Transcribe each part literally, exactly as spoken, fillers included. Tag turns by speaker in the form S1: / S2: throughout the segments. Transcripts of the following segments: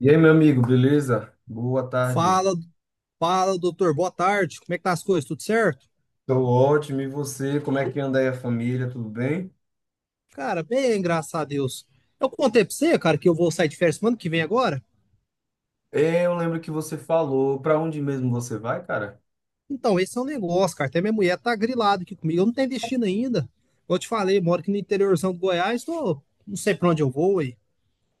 S1: E aí, meu amigo, beleza? Boa tarde.
S2: Fala, fala, doutor. Boa tarde. Como é que tá as coisas? Tudo certo?
S1: Tô ótimo. E você? Como é que anda aí a família? Tudo bem?
S2: Cara, bem, graças a Deus. Eu contei pra você, cara, que eu vou sair de férias semana que vem agora.
S1: É, eu lembro que você falou. Para onde mesmo você vai, cara?
S2: Então, esse é um negócio, cara. Até minha mulher tá grilada aqui comigo. Eu não tenho destino ainda. Como eu te falei, moro aqui no interiorzão do Goiás. Tô... Não sei pra onde eu vou aí.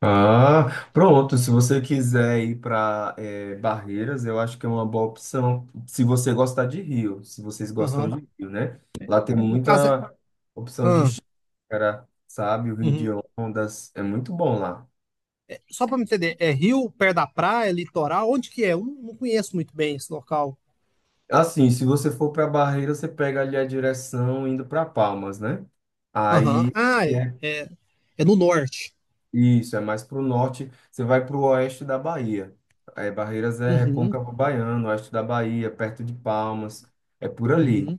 S1: Ah, pronto. Se você quiser ir para Barreiras, eu acho que é uma boa opção. Se você gostar de Rio, se vocês gostam
S2: Aham.
S1: de Rio, né? Lá tem
S2: No caso é.
S1: muita opção de
S2: Ah,
S1: chácara, sabe? O Rio de
S2: uhum.
S1: Ondas é muito bom lá.
S2: Só pra me entender, é rio, perto da praia, litoral? Onde que é? Eu não não conheço muito bem esse local.
S1: Assim, se você for para Barreira, você pega ali a direção indo para Palmas, né? Aí
S2: Aham. Ah, é,
S1: é
S2: é, é no norte.
S1: isso, é mais para o norte, você vai para o oeste da Bahia. É, Barreiras é
S2: Uhum,
S1: Recôncavo Baiano, oeste da Bahia, perto de Palmas, é por ali,
S2: uhum.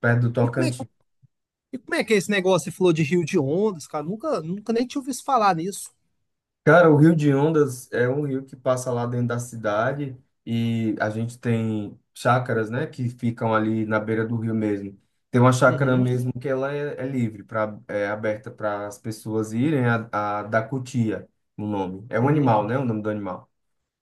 S1: perto do
S2: E como é,
S1: Tocantins.
S2: E como é que é esse negócio? Você falou de Rio de Ondas, cara. Nunca, nunca nem tinha ouvido falar nisso.
S1: Cara, o Rio de Ondas é um rio que passa lá dentro da cidade e a gente tem chácaras, né, que ficam ali na beira do rio mesmo. Tem uma chácara
S2: Uhum,
S1: mesmo que ela é, é livre, pra, é aberta para as pessoas irem, a, a da cutia, o nome. É um
S2: uhum,
S1: animal, né, o nome do animal.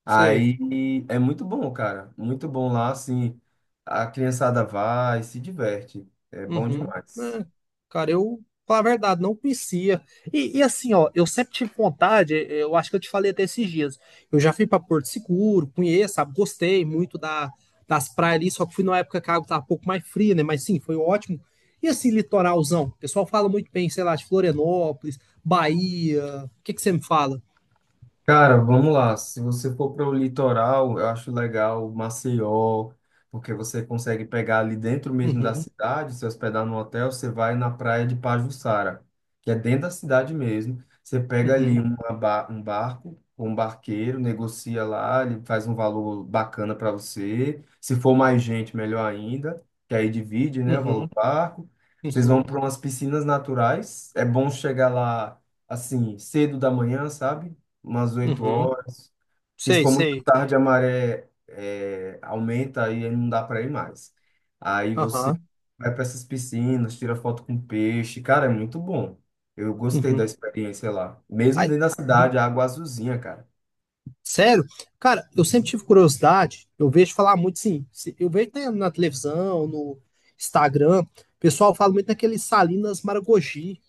S2: sei.
S1: Aí é muito bom, cara, muito bom lá, assim, a criançada vai, se diverte, é bom
S2: Uhum.
S1: demais.
S2: É, cara, eu, falar a verdade, não conhecia. E, e assim, ó, eu sempre tive vontade, eh, eu acho que eu te falei até esses dias. Eu já fui pra Porto Seguro, conheço, sabe, gostei muito da, das praias ali, só que fui numa época que a água tava um pouco mais fria, né? Mas sim, foi ótimo. E assim, litoralzão? O pessoal fala muito bem, sei lá, de Florianópolis, Bahia. O que que você me fala?
S1: Cara, vamos lá. Se você for para o litoral, eu acho legal Maceió, porque você consegue pegar ali dentro mesmo da
S2: Uhum,
S1: cidade, se hospedar no hotel, você vai na praia de Pajuçara, que é dentro da cidade mesmo. Você pega ali
S2: uhum,
S1: uma ba- um barco com um barqueiro, negocia lá, ele faz um valor bacana para você. Se for mais gente, melhor ainda, que aí divide, né, o valor
S2: uhum.
S1: do barco. Vocês vão
S2: Uhum,
S1: para umas piscinas naturais. É bom chegar lá assim, cedo da manhã, sabe? Umas oito
S2: uhum.
S1: horas. Que se
S2: Sei,
S1: for muito
S2: sei.
S1: tarde, a maré é, aumenta aí não dá para ir mais. Aí você
S2: Aham,
S1: vai para essas piscinas, tira foto com peixe. Cara, é muito bom. Eu gostei da
S2: uhum.
S1: experiência lá. Mesmo
S2: Ai,
S1: dentro da
S2: uhum.
S1: cidade, a água azulzinha, cara.
S2: sério? Cara, eu sempre
S1: Uhum.
S2: tive curiosidade, eu vejo falar muito, sim, se- eu vejo, né, na televisão, no Instagram, o pessoal fala muito daquele Salinas Maragogi.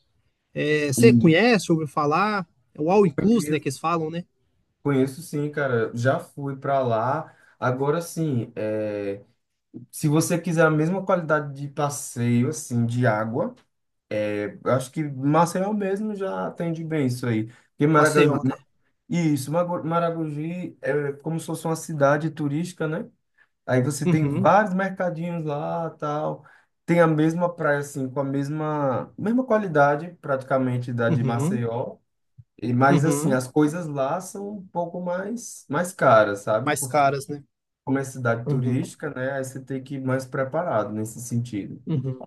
S2: É,
S1: E
S2: você conhece, ouviu falar? É o All Inclusive, né, que
S1: conheço,
S2: eles falam, né?
S1: conheço sim, cara. Já fui para lá. Agora sim, é, se você quiser a mesma qualidade de passeio, assim, de água, é, eu acho que Maceió mesmo já atende bem isso aí. Porque Maracanã,
S2: Maceió, né?
S1: isso, Mago- Maragogi é como se fosse uma cidade turística, né? Aí você tem
S2: Uhum,
S1: vários mercadinhos lá, tal. Tem a mesma praia, assim, com a mesma, mesma qualidade, praticamente, da de
S2: uhum,
S1: Maceió. E, mas, assim,
S2: uhum.
S1: as coisas lá são um pouco mais, mais caras, sabe?
S2: Mais
S1: Porque
S2: caras, né?
S1: como é cidade
S2: Uhum,
S1: turística, né? Aí você tem que ir mais preparado nesse sentido.
S2: uhum.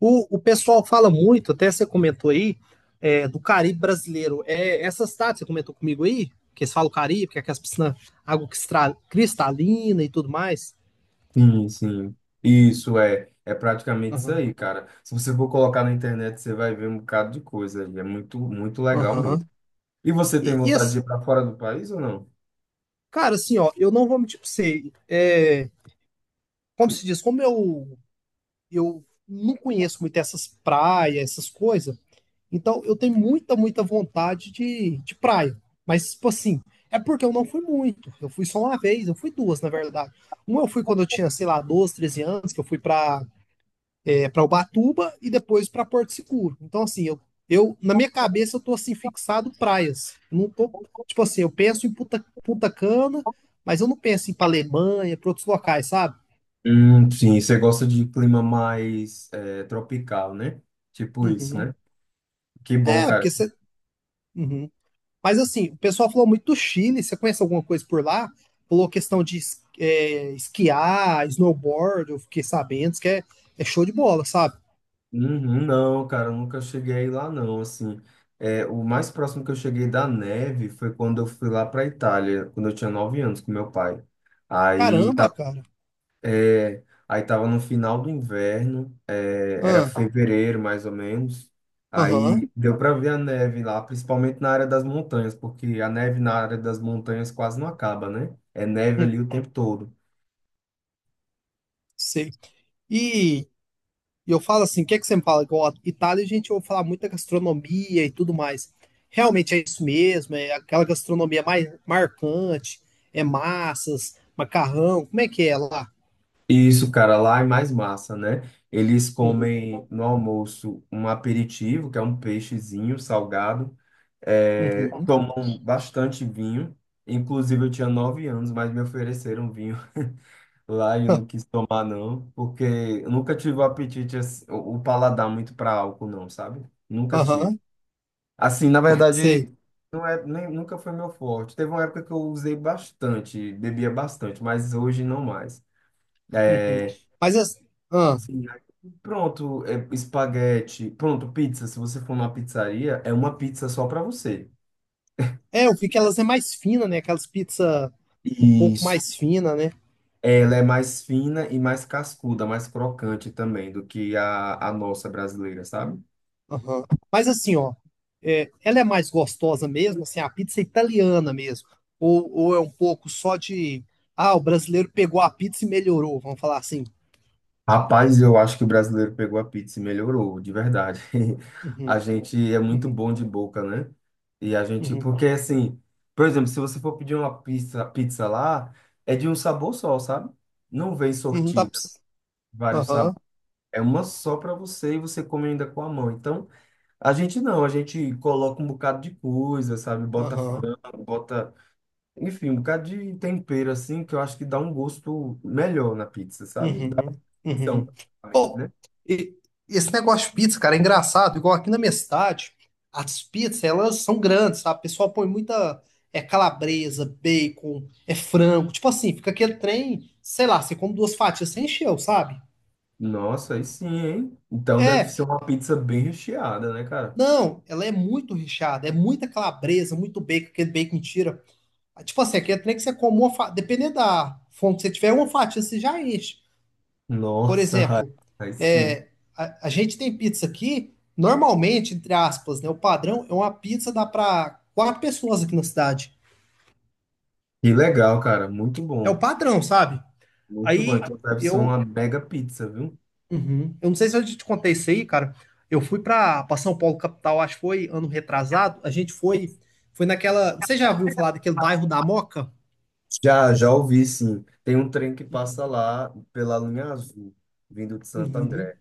S2: O, o pessoal fala muito, até você comentou aí, é, do Caribe brasileiro. É, essas táticas, você comentou comigo aí, que eles falam Caribe, que é aquelas piscinas, água cristra- cristalina e tudo mais.
S1: Sim, sim. Isso é, é praticamente isso
S2: Aham,
S1: aí, cara. Se você for colocar na internet, você vai ver um bocado de coisa aí. É muito, muito legal mesmo.
S2: aham.
S1: E você tem
S2: E, e
S1: vontade de ir
S2: as-
S1: para fora do país ou não?
S2: cara, assim, ó, eu não vou mentir pra você. é, como se diz, como eu, eu não conheço muito essas praias, essas coisas. Então, eu tenho muita, muita vontade de, de praia. Mas, tipo assim, é porque eu não fui muito. Eu fui só uma vez, eu fui duas, na verdade. Uma eu fui quando eu tinha, sei lá, doze, treze anos, que eu fui pra, é, pra Ubatuba e depois pra Porto Seguro. Então, assim, eu, eu, na minha cabeça, eu tô, assim, fixado praias. Eu não tô, tipo assim, eu penso em Punta, Punta Cana, mas eu não penso em ir pra Alemanha, pra outros locais, sabe?
S1: Hum, sim, você gosta de clima mais é, tropical, né? Tipo isso,
S2: Uhum.
S1: né? Que bom,
S2: É,
S1: cara.
S2: porque você. Mas assim, o pessoal falou muito do Chile. Você conhece alguma coisa por lá? Falou questão de es- é, esquiar, snowboard, eu fiquei sabendo, isso que é, é show de bola, sabe?
S1: Uhum, não, cara, eu nunca cheguei aí lá, não. Assim, é, o mais próximo que eu cheguei da neve foi quando eu fui lá para Itália, quando eu tinha nove anos com meu pai. Aí
S2: Caramba, cara.
S1: é, aí tava no final do inverno, eh, era
S2: Ah,
S1: fevereiro mais ou menos.
S2: aham,
S1: Aí deu para ver a neve lá, principalmente na área das montanhas, porque a neve na área das montanhas quase não acaba, né? É neve
S2: hum,
S1: ali o tempo todo.
S2: sei. E, e eu falo assim, o que é que você me fala? Igual, Itália, a gente ouve falar muito da gastronomia e tudo mais. Realmente é isso mesmo, é aquela gastronomia mais marcante, é massas, macarrão, como é que é lá?
S1: E isso, cara, lá é mais massa, né? Eles
S2: Uhum,
S1: comem no almoço um aperitivo, que é um peixezinho salgado, eh,
S2: uhum,
S1: tomam bastante vinho. Inclusive, eu tinha nove anos, mas me ofereceram vinho. Lá eu não quis tomar, não, porque eu nunca tive o apetite, assim, o o paladar muito para álcool, não, sabe? Nunca tive.
S2: aham,
S1: Assim, na
S2: sei.
S1: verdade, não é, nem, nunca foi meu forte. Teve uma época que eu usei bastante, bebia bastante, mas hoje não mais.
S2: Uhum.
S1: É,
S2: Mas as, ah,
S1: sim. Aí, pronto, é, espaguete, pronto, pizza. Se você for numa pizzaria, é uma pizza só para você.
S2: é, eu vi que elas é mais fina, né? Aquelas pizza um pouco
S1: Isso.
S2: mais fina, né?
S1: Ela é mais fina e mais cascuda, mais crocante também do que a, a nossa brasileira, sabe?
S2: Aham. Mas assim, ó, é, ela é mais gostosa mesmo, assim, a pizza é italiana mesmo. Ou, ou é um pouco só de, ah, o brasileiro pegou a pizza e melhorou, vamos falar assim.
S1: Rapaz, eu acho que o brasileiro pegou a pizza e melhorou, de verdade. A
S2: Uhum,
S1: gente é muito
S2: uhum,
S1: bom de boca, né? E a gente,
S2: uhum,
S1: porque assim, por exemplo, se você for pedir uma pizza, pizza lá, é de um sabor só, sabe? Não vem
S2: uhum, dá pra-
S1: sortida, vários sabores.
S2: Aham,
S1: É uma só para você e você come ainda com a mão. Então, a gente não, a gente coloca um bocado de coisa, sabe? Bota
S2: aham.
S1: frango, bota, enfim, um bocado de tempero assim, que eu acho que dá um gosto melhor na pizza, sabe? Dá
S2: Uhum,
S1: opção,
S2: uhum. Bom,
S1: né?
S2: e- esse negócio de pizza, cara, é engraçado. Igual aqui na minha cidade, as pizzas, elas são grandes, sabe? O pessoal põe muita é calabresa, bacon, é frango. Tipo assim, fica aquele trem, sei lá, você come duas fatias, você encheu, sabe?
S1: Nossa, aí sim, hein? Então deve
S2: É,
S1: ser uma pizza bem recheada, né, cara?
S2: não, ela é muito recheada, é muita calabresa, muito bacon, aquele bacon tira. Tipo assim, aquele trem que você come uma fatia, dependendo da fome que você tiver, uma fatia você já enche. Por
S1: Nossa,
S2: exemplo,
S1: aí sim.
S2: é, a, a gente tem pizza aqui, normalmente, entre aspas, né? O padrão é uma pizza dá para quatro pessoas aqui na cidade.
S1: Que legal, cara. Muito
S2: É o
S1: bom.
S2: padrão, sabe?
S1: Muito bom.
S2: Aí
S1: Então deve ser
S2: eu,
S1: uma mega pizza, viu?
S2: uhum, eu não sei se eu te contei isso aí, cara. Eu fui para São Paulo, capital, acho que foi ano retrasado. A gente foi, foi naquela. Você já ouviu falar daquele bairro da Moca?
S1: Já, já ouvi, sim. Tem um trem que passa lá pela linha azul, vindo de Santo
S2: Uhum,
S1: André.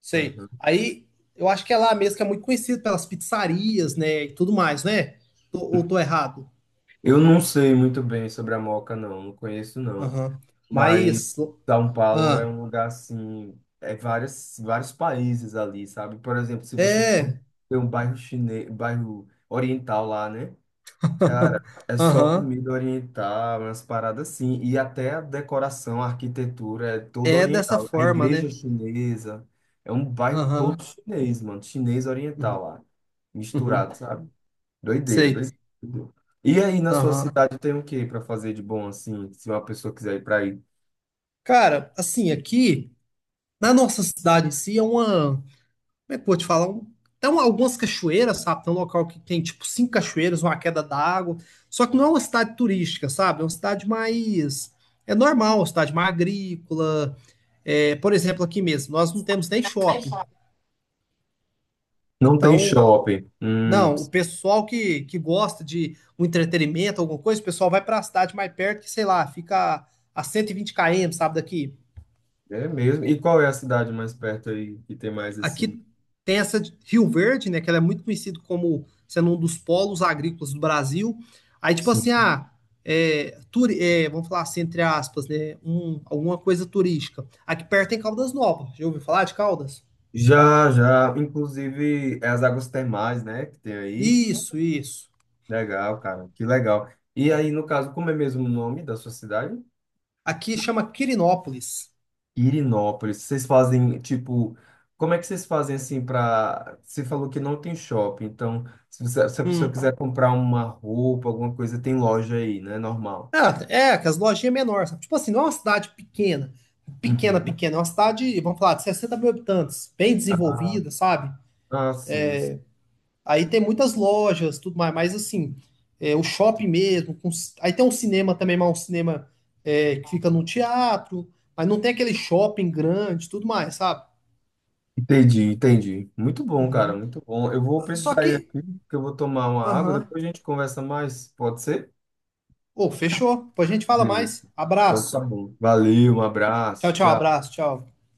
S2: sei.
S1: Aham.
S2: Aí eu acho que é lá mesmo que é muito conhecido pelas pizzarias, né? E tudo mais, né? Tô- ou tô errado?
S1: Eu não sei muito bem sobre a Moca, não. Não conheço, não.
S2: Aham.
S1: Mas
S2: Mas,
S1: São Paulo é
S2: ah,
S1: um lugar assim, é várias, vários países ali, sabe? Por exemplo, se você for
S2: é,
S1: ver um bairro chinês, bairro oriental lá, né? Cara, é só
S2: aham,
S1: comida oriental, umas paradas assim, e até a decoração, a arquitetura é toda
S2: é dessa
S1: oriental. A
S2: forma,
S1: igreja
S2: né?
S1: chinesa é um bairro todo
S2: Aham,
S1: chinês, mano, chinês oriental
S2: uhum,
S1: lá,
S2: uhum,
S1: misturado, sabe? Doideira, doideira.
S2: sei,
S1: E aí, na sua
S2: aham.
S1: cidade tem o que para fazer de bom assim, se uma pessoa quiser ir para aí?
S2: Cara, assim, aqui, na nossa cidade em si, é uma, como é que eu vou te falar? Um, tem um- algumas cachoeiras, sabe? Tem um local que tem, tipo, cinco cachoeiras, uma queda d'água, só que não é uma cidade turística, sabe? É uma cidade mais, é normal, uma cidade mais agrícola, é, por exemplo, aqui mesmo, nós não temos nem shopping,
S1: Não tem
S2: então
S1: shopping. Hum,
S2: Não, o pessoal que, que gosta de um entretenimento, alguma coisa, o pessoal vai pra cidade mais perto, que sei lá, fica a cento e vinte quilômetros, sabe, daqui.
S1: é mesmo. E qual é a cidade mais perto aí que tem mais assim?
S2: Aqui tem essa de Rio Verde, né, que ela é muito conhecida como sendo um dos polos agrícolas do Brasil. Aí, tipo assim,
S1: Sim.
S2: ah, é, turi- é, vamos falar assim, entre aspas, né, um, alguma coisa turística. Aqui perto tem Caldas Novas, já ouviu falar de Caldas?
S1: Já, já. Inclusive, é as águas termais, né? Que tem aí.
S2: Isso, isso.
S1: Legal, cara. Que legal. E aí, no caso, como é mesmo o nome da sua cidade?
S2: Aqui chama Quirinópolis.
S1: Irinópolis. Vocês fazem, tipo, como é que vocês fazem assim para. Você falou que não tem shopping. Então, se você- se a pessoa
S2: Hum.
S1: quiser comprar uma roupa, alguma coisa, tem loja aí, né? Normal.
S2: Ah, é, que as lojinhas menores, sabe? Tipo assim, não é uma cidade pequena, pequena,
S1: Uhum.
S2: pequena, é uma cidade, vamos falar, de sessenta mil habitantes, bem
S1: Ah,
S2: desenvolvida, sabe?
S1: ah, sim, sim.
S2: Aí tem muitas lojas, tudo mais, mas assim, é, o shopping mesmo, com ci- aí tem um cinema também, mas um cinema é, que fica no teatro, mas não tem aquele shopping grande, tudo mais, sabe?
S1: Entendi, entendi. Muito bom, cara,
S2: Uhum.
S1: muito bom. Eu vou
S2: Só
S1: precisar ir
S2: que,
S1: aqui, que eu vou tomar uma água,
S2: aham,
S1: depois a gente conversa mais, pode ser?
S2: ô, fechou, depois a gente fala
S1: Beleza.
S2: mais,
S1: Então tá
S2: abraço,
S1: bom. Valeu, um
S2: tchau,
S1: abraço,
S2: tchau,
S1: tchau.
S2: abraço, tchau.